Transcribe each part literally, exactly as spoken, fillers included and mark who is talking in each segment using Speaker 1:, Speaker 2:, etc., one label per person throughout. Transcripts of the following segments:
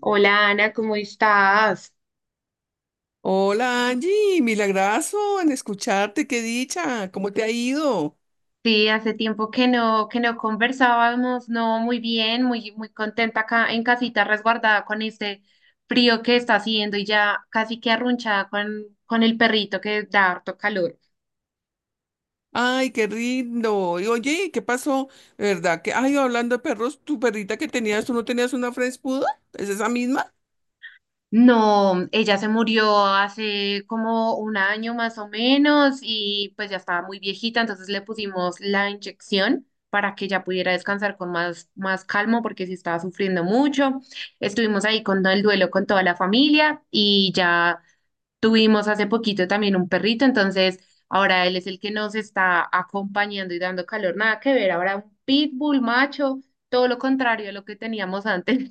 Speaker 1: Hola Ana, ¿cómo estás?
Speaker 2: Hola Angie, milagrazo en escucharte, qué dicha, ¿cómo te ha ido?
Speaker 1: Sí, hace tiempo que no, que no conversábamos, no, muy bien, muy, muy contenta acá en casita resguardada con este frío que está haciendo y ya casi que arrunchada con, con el perrito que da harto calor.
Speaker 2: Ay, qué lindo. Y oye, ¿qué pasó? ¿Verdad que, ay, hablando de perros, tu perrita que tenías, tú no tenías una French Poodle? ¿Es esa misma?
Speaker 1: No, ella se murió hace como un año más o menos y pues ya estaba muy viejita, entonces le pusimos la inyección para que ya pudiera descansar con más, más calmo porque sí estaba sufriendo mucho. Estuvimos ahí con todo el duelo con toda la familia y ya tuvimos hace poquito también un perrito, entonces ahora él es el que nos está acompañando y dando calor, nada que ver, ahora un pitbull macho, todo lo contrario a lo que teníamos antes.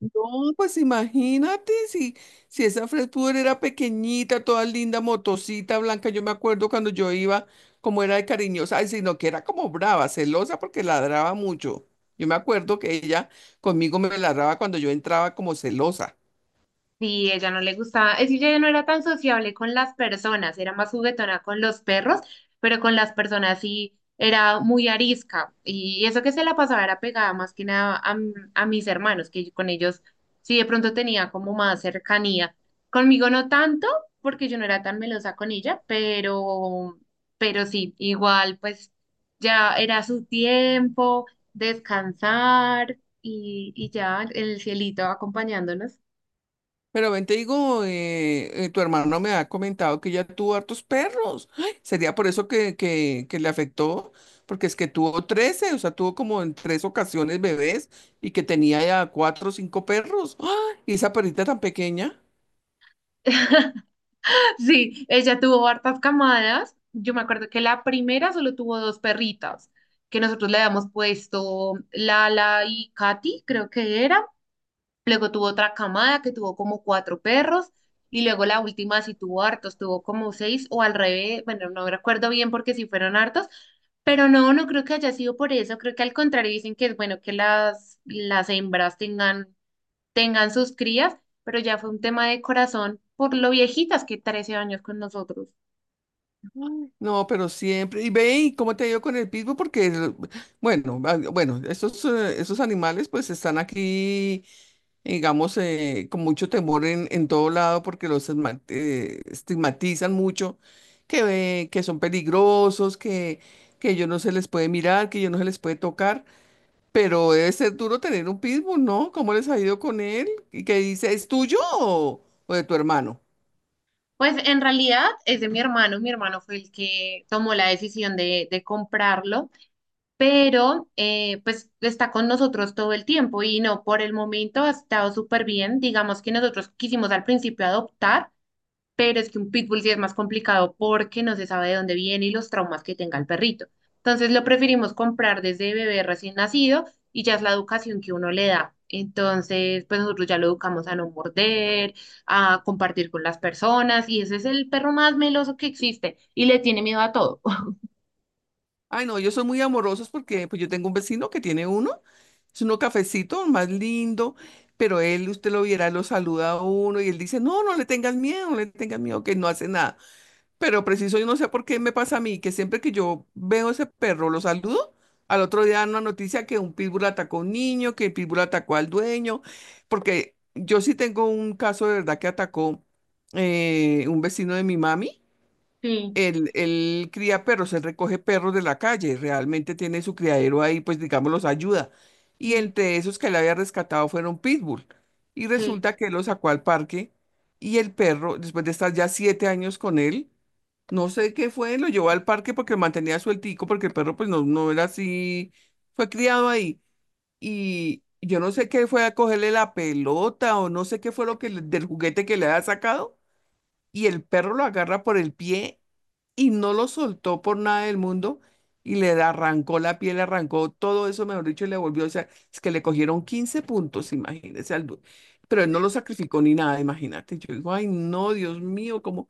Speaker 2: No, pues imagínate si, si esa French Poodle era pequeñita, toda linda, motosita, blanca, yo me acuerdo cuando yo iba, como era de cariñosa, ay, sino que era como brava, celosa porque ladraba mucho. Yo me acuerdo que ella conmigo me ladraba cuando yo entraba como celosa.
Speaker 1: Sí, ella no le gustaba, es que ella no era tan sociable con las personas, era más juguetona con los perros, pero con las personas sí era muy arisca. Y eso que se la pasaba era pegada más que nada a, m- a mis hermanos, que yo con ellos sí de pronto tenía como más cercanía. Conmigo no tanto, porque yo no era tan melosa con ella, pero, pero sí, igual pues ya era su tiempo, descansar y, y ya el cielito acompañándonos.
Speaker 2: Pero ven, te digo, eh, eh, tu hermano me ha comentado que ya tuvo hartos perros. Ay, sería por eso que, que, que le afectó, porque es que tuvo trece, o sea, tuvo como en tres ocasiones bebés y que tenía ya cuatro o cinco perros. ¡Ah! Y esa perrita tan pequeña.
Speaker 1: Sí, ella tuvo hartas camadas. Yo me acuerdo que la primera solo tuvo dos perritas, que nosotros le habíamos puesto Lala y Katy, creo que era. Luego tuvo otra camada que tuvo como cuatro perros. Y luego la última sí tuvo hartos, tuvo como seis o al revés. Bueno, no recuerdo bien porque sí fueron hartos. Pero no, no creo que haya sido por eso. Creo que al contrario dicen que es bueno que las, las hembras tengan tengan sus crías, pero ya fue un tema de corazón por lo viejitas que trece años con nosotros.
Speaker 2: No, pero siempre. Y ve, ¿y cómo te ha ido con el pitbull? Porque, el- bueno, ah, bueno, esos, eh, esos animales pues están aquí, digamos, eh, con mucho temor en, en todo lado porque los esma- eh, estigmatizan mucho, que, ve- que son peligrosos, que, que ellos no se les puede mirar, que ellos no se les puede tocar, pero debe ser duro tener un pitbull, ¿no? ¿Cómo les ha ido con él? Y que dice, ¿es tuyo o, o de tu hermano?
Speaker 1: Pues en realidad es de mi hermano, mi hermano fue el que tomó la decisión de, de comprarlo, pero eh, pues está con nosotros todo el tiempo y no, por el momento ha estado súper bien. Digamos que nosotros quisimos al principio adoptar, pero es que un pitbull sí es más complicado porque no se sabe de dónde viene y los traumas que tenga el perrito. Entonces lo preferimos comprar desde bebé recién nacido y ya es la educación que uno le da. Entonces, pues nosotros ya lo educamos a no morder, a compartir con las personas y ese es el perro más meloso que existe y le tiene miedo a todo.
Speaker 2: Ay, no, ellos son muy amorosos porque pues yo tengo un vecino que tiene uno, es uno cafecito, más lindo. Pero él, usted lo viera, lo saluda a uno y él dice, no, no le tengas miedo, no le tengas miedo, que no hace nada. Pero preciso, yo no sé por qué me pasa a mí, que siempre que yo veo ese perro, lo saludo, al otro día dan una noticia que un pitbull atacó a un niño, que el pitbull atacó al dueño, porque yo sí tengo un caso de verdad que atacó, eh, un vecino de mi mami.
Speaker 1: Sí,
Speaker 2: Él, él cría perros, él recoge perros de la calle, realmente tiene su criadero ahí, pues digamos, los ayuda. Y
Speaker 1: sí.
Speaker 2: entre esos que él había rescatado fueron pitbull. Y
Speaker 1: Sí.
Speaker 2: resulta que él lo sacó al parque y el perro, después de estar ya siete años con él, no sé qué fue, lo llevó al parque porque lo mantenía sueltico, porque el perro pues no, no era así, fue criado ahí. Y yo no sé qué fue a cogerle la pelota, o no sé qué fue lo que le- del juguete que le había sacado, y el perro lo agarra por el pie y no lo soltó por nada del mundo, y le arrancó la piel, le arrancó todo eso, mejor dicho, y le volvió, o sea, es que le cogieron quince puntos, imagínese, al du- pero él no lo sacrificó ni nada, imagínate. Yo digo, ay, no, Dios mío, como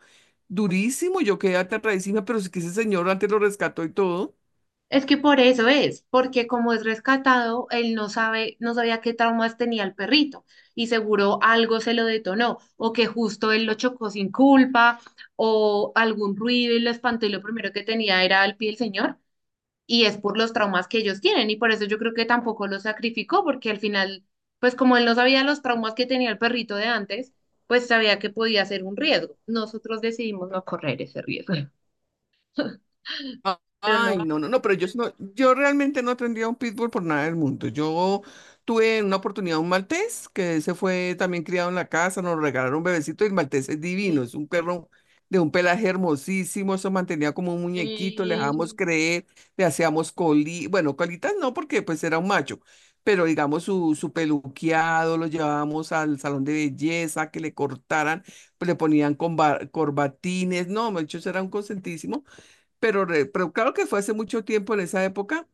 Speaker 2: durísimo, yo quedé aterradísima, pero es que ese señor antes lo rescató y todo.
Speaker 1: Es que por eso es, porque como es rescatado, él no sabe, no sabía qué traumas tenía el perrito y seguro algo se lo detonó o que justo él lo chocó sin culpa o algún ruido y lo espantó y lo primero que tenía era el pie del señor y es por los traumas que ellos tienen y por eso yo creo que tampoco lo sacrificó porque al final, pues como él no sabía los traumas que tenía el perrito de antes, pues sabía que podía ser un riesgo. Nosotros decidimos no correr ese riesgo,
Speaker 2: Ah,
Speaker 1: pero no.
Speaker 2: ay, no, no, no, pero yo, no, yo realmente no tendría un pitbull por nada del mundo. Yo tuve en una oportunidad un maltés que se fue también criado en la casa, nos regalaron un bebecito, y el maltés es divino, es un perro de un pelaje hermosísimo, se mantenía como un muñequito, le dejábamos
Speaker 1: Sí,
Speaker 2: creer, le hacíamos coli, bueno, colitas no, porque pues era un macho, pero digamos su, su peluqueado, lo llevábamos al salón de belleza, que le cortaran, pues, le ponían comba- corbatines, no, muchachos, era un consentísimo, pero, re- pero claro que fue hace mucho tiempo. En esa época,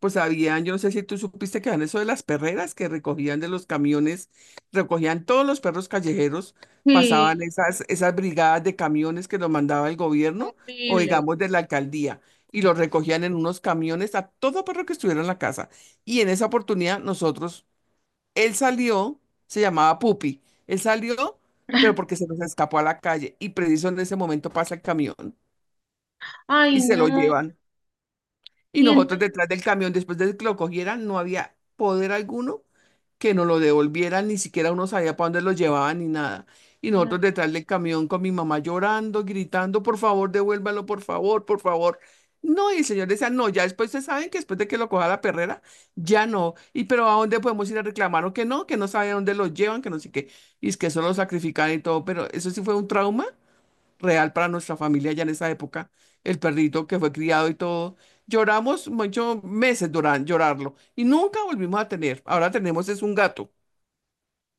Speaker 2: pues habían, yo no sé si tú supiste que habían eso de las perreras que recogían de los camiones, recogían todos los perros callejeros, pasaban
Speaker 1: sí,
Speaker 2: esas, esas brigadas de camiones que los mandaba el gobierno, o
Speaker 1: horrible.
Speaker 2: digamos de la alcaldía. Y los recogían en unos camiones a todo perro que estuviera en la casa. Y en esa oportunidad nosotros, él salió, se llamaba Pupi, él salió, pero porque se nos escapó a la calle. Y preciso en ese momento pasa el camión y
Speaker 1: Ay,
Speaker 2: se lo
Speaker 1: no.
Speaker 2: llevan. Y
Speaker 1: Y
Speaker 2: nosotros
Speaker 1: entonces,
Speaker 2: detrás del camión, después de que lo cogieran, no había poder alguno que nos lo devolvieran, ni siquiera uno sabía para dónde lo llevaban ni nada. Y nosotros detrás del camión con mi mamá llorando, gritando, por favor, devuélvalo, por favor, por favor. No, y el señor decía, no, ya después se saben que después de que lo coja la perrera, ya no. Y pero ¿a dónde podemos ir a reclamar o que no? Que no sabe a dónde lo llevan, que no sé qué. Y es que eso lo sacrifican y todo, pero eso sí fue un trauma real para nuestra familia ya en esa época, el perrito que fue criado y todo. Lloramos muchos meses lloran, llorarlo, y nunca volvimos a tener. Ahora tenemos es un gato.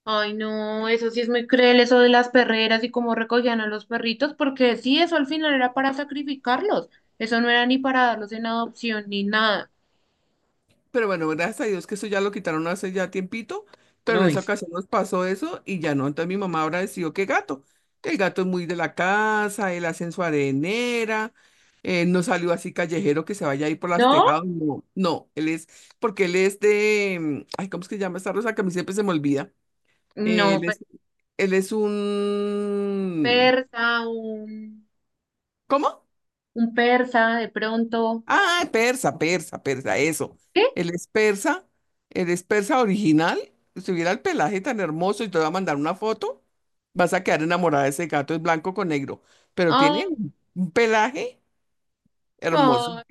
Speaker 1: ay, no, eso sí es muy cruel, eso de las perreras y cómo recogían a los perritos, porque sí, eso al final era para sacrificarlos. Eso no era ni para darlos en adopción ni nada.
Speaker 2: Pero bueno, gracias a Dios que eso ya lo quitaron hace ya tiempito, pero en
Speaker 1: No
Speaker 2: esa
Speaker 1: es.
Speaker 2: ocasión nos pasó eso y ya no. Entonces mi mamá ahora decidió que gato, que el gato es muy de la casa, él hace en su arenera, eh, no salió así callejero que se vaya a ir por las
Speaker 1: ¿No?
Speaker 2: tejados, no, no, él es, porque él es de, mm, ay, ¿cómo es que se llama esta rosa que a mí siempre se me olvida?
Speaker 1: No,
Speaker 2: Él
Speaker 1: pe-
Speaker 2: es, él es un...
Speaker 1: persa, un,
Speaker 2: ¿Cómo?
Speaker 1: un persa de pronto.
Speaker 2: Ah, persa, persa, persa, eso.
Speaker 1: ¿Qué?
Speaker 2: Él es persa, él es persa original. Si hubiera el pelaje tan hermoso, y te voy a mandar una foto, vas a quedar enamorada de ese gato, es blanco con negro, pero tiene
Speaker 1: Ay,
Speaker 2: un un pelaje hermoso.
Speaker 1: no.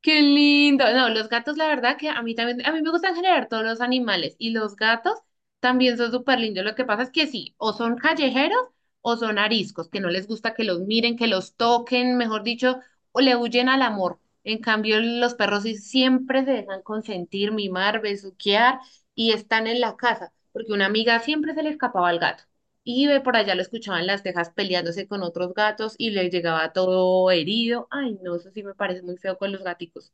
Speaker 1: Qué lindo. No, los gatos, la verdad que a mí también, a mí me gustan generar todos los animales y los gatos también son súper lindos. Lo que pasa es que sí, o son callejeros o son ariscos, que no les gusta que los miren, que los toquen, mejor dicho, o le huyen al amor. En cambio, los perros sí siempre se dejan consentir, mimar, besuquear y están en la casa, porque una amiga siempre se le escapaba al gato. Y ve por allá lo escuchaban las tejas peleándose con otros gatos y le llegaba todo herido. Ay, no, eso sí me parece muy feo con los gaticos.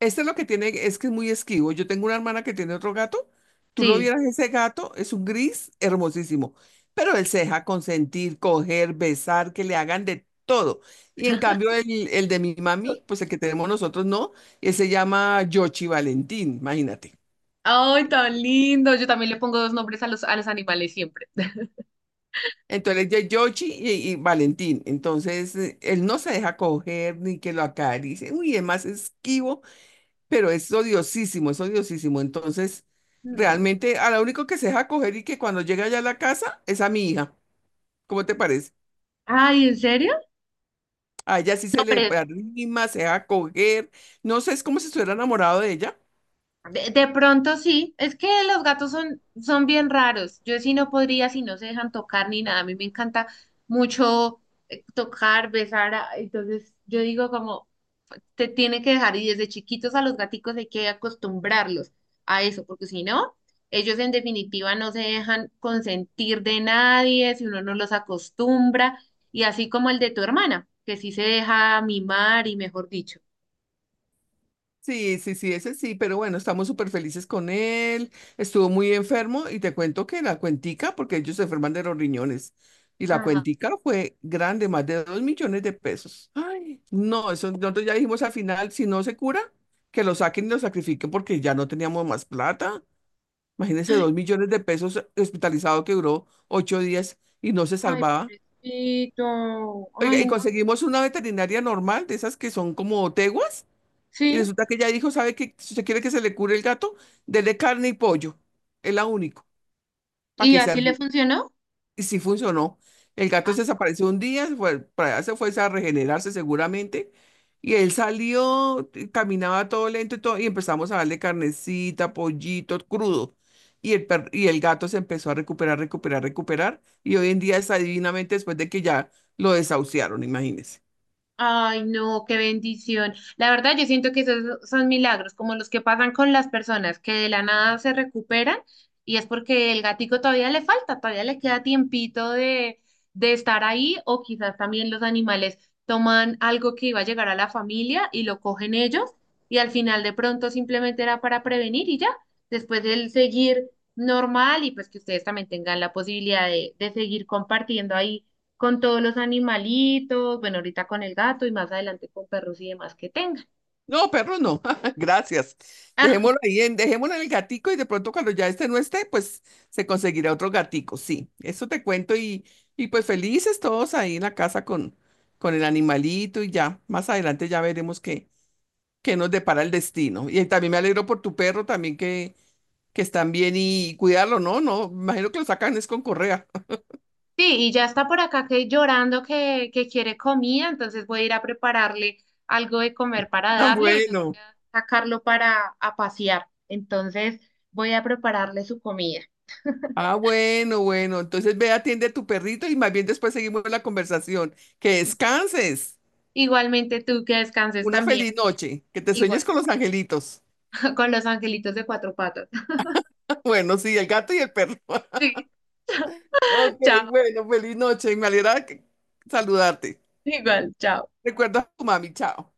Speaker 2: Este es lo que tiene es que es muy esquivo. Yo tengo una hermana que tiene otro gato. Tú lo
Speaker 1: Sí.
Speaker 2: vieras, ese gato es un gris hermosísimo, pero él se deja consentir, coger, besar, que le hagan de todo. Y en cambio, el, el de mi mami, pues el que tenemos nosotros no, él se llama Yoshi Valentín, imagínate.
Speaker 1: Ay, tan lindo. Yo también le pongo dos nombres a los, a los animales siempre.
Speaker 2: Entonces, ya Yoshi y, y Valentín. Entonces, eh, él no se deja coger ni que lo acaricie. Uy, es más esquivo, pero es odiosísimo, es odiosísimo. Entonces,
Speaker 1: Mm.
Speaker 2: realmente a la único que se deja coger y que cuando llega ya a la casa es a mi hija. ¿Cómo te parece?
Speaker 1: Ay, ¿en serio?
Speaker 2: A ella sí
Speaker 1: No,
Speaker 2: se le
Speaker 1: pero
Speaker 2: arrima, se deja coger. No sé, es como si estuviera enamorado de ella.
Speaker 1: de, de pronto sí. Es que los gatos son, son bien raros. Yo sí no podría si no se dejan tocar ni nada. A mí me encanta mucho eh, tocar, besar. a- Entonces yo digo como, se tiene que dejar y desde chiquitos a los gaticos hay que acostumbrarlos a eso, porque si no, ellos en definitiva no se dejan consentir de nadie, si uno no los acostumbra, y así como el de tu hermana, que sí se deja mimar y mejor dicho.
Speaker 2: Sí, sí, sí, ese sí, pero bueno, estamos súper felices con él. Estuvo muy enfermo y te cuento que la cuentica, porque ellos se enferman de los riñones, y la
Speaker 1: Ah,
Speaker 2: cuentica fue grande, más de dos millones de pesos. Ay, no, eso nosotros ya dijimos al final, si no se cura, que lo saquen y lo sacrifiquen, porque ya no teníamos más plata. Imagínense,
Speaker 1: ay,
Speaker 2: dos millones de pesos hospitalizado que duró ocho días y no se
Speaker 1: ay,
Speaker 2: salvaba.
Speaker 1: pobrecito.
Speaker 2: Oiga, y
Speaker 1: Ay,
Speaker 2: conseguimos una veterinaria normal, de esas que son como teguas, y
Speaker 1: sí.
Speaker 2: resulta que ella dijo, ¿sabe qué? Si usted quiere que se le cure el gato, dele carne y pollo. Es la único, para
Speaker 1: ¿Y
Speaker 2: que sea
Speaker 1: así le
Speaker 2: bien.
Speaker 1: funcionó?
Speaker 2: Y sí funcionó. El gato se desapareció un día, se fue, para allá se fue a regenerarse seguramente. Y él salió, y caminaba todo lento y todo, y empezamos a darle carnecita, pollito, crudo. Y el, per- y el gato se empezó a recuperar, recuperar, recuperar. Y hoy en día está divinamente, después de que ya lo desahuciaron, imagínense.
Speaker 1: Ay, no, qué bendición. La verdad, yo siento que esos son milagros, como los que pasan con las personas que de la nada se recuperan y es porque el gatico todavía le falta, todavía le queda tiempito de, de estar ahí o quizás también los animales toman algo que iba a llegar a la familia y lo cogen ellos y al final de pronto simplemente era para prevenir y ya, después el seguir normal y pues que ustedes también tengan la posibilidad de, de seguir compartiendo ahí con todos los animalitos, bueno, ahorita con el gato y más adelante con perros y demás que tengan.
Speaker 2: No, perro, no. Gracias.
Speaker 1: Ah,
Speaker 2: Dejémoslo ahí, en, dejémoslo en el gatico, y de pronto cuando ya este no esté, pues se conseguirá otro gatico. Sí, eso te cuento, y, y pues felices todos ahí en la casa con, con el animalito, y ya. Más adelante ya veremos qué, qué nos depara el destino. Y también me alegro por tu perro también, que, que están bien y cuidarlo, ¿no? No, me imagino que lo sacan es con correa.
Speaker 1: sí, y ya está por acá que llorando que, que quiere comida, entonces voy a ir a prepararle algo de comer para
Speaker 2: Ah,
Speaker 1: darle y voy
Speaker 2: bueno.
Speaker 1: a sacarlo para a pasear. Entonces voy a prepararle su comida.
Speaker 2: Ah, bueno, bueno. Entonces ve, atiende a tu perrito y más bien después seguimos la conversación. Que descanses.
Speaker 1: Igualmente tú que descanses
Speaker 2: Una
Speaker 1: también,
Speaker 2: feliz noche, que te sueñes
Speaker 1: igual,
Speaker 2: con los angelitos.
Speaker 1: con los angelitos de cuatro patas.
Speaker 2: Bueno, sí, el gato y el perro.
Speaker 1: Sí.
Speaker 2: Ok, bueno, feliz noche. Me alegra que- saludarte. Recuerda a tu mami, chao.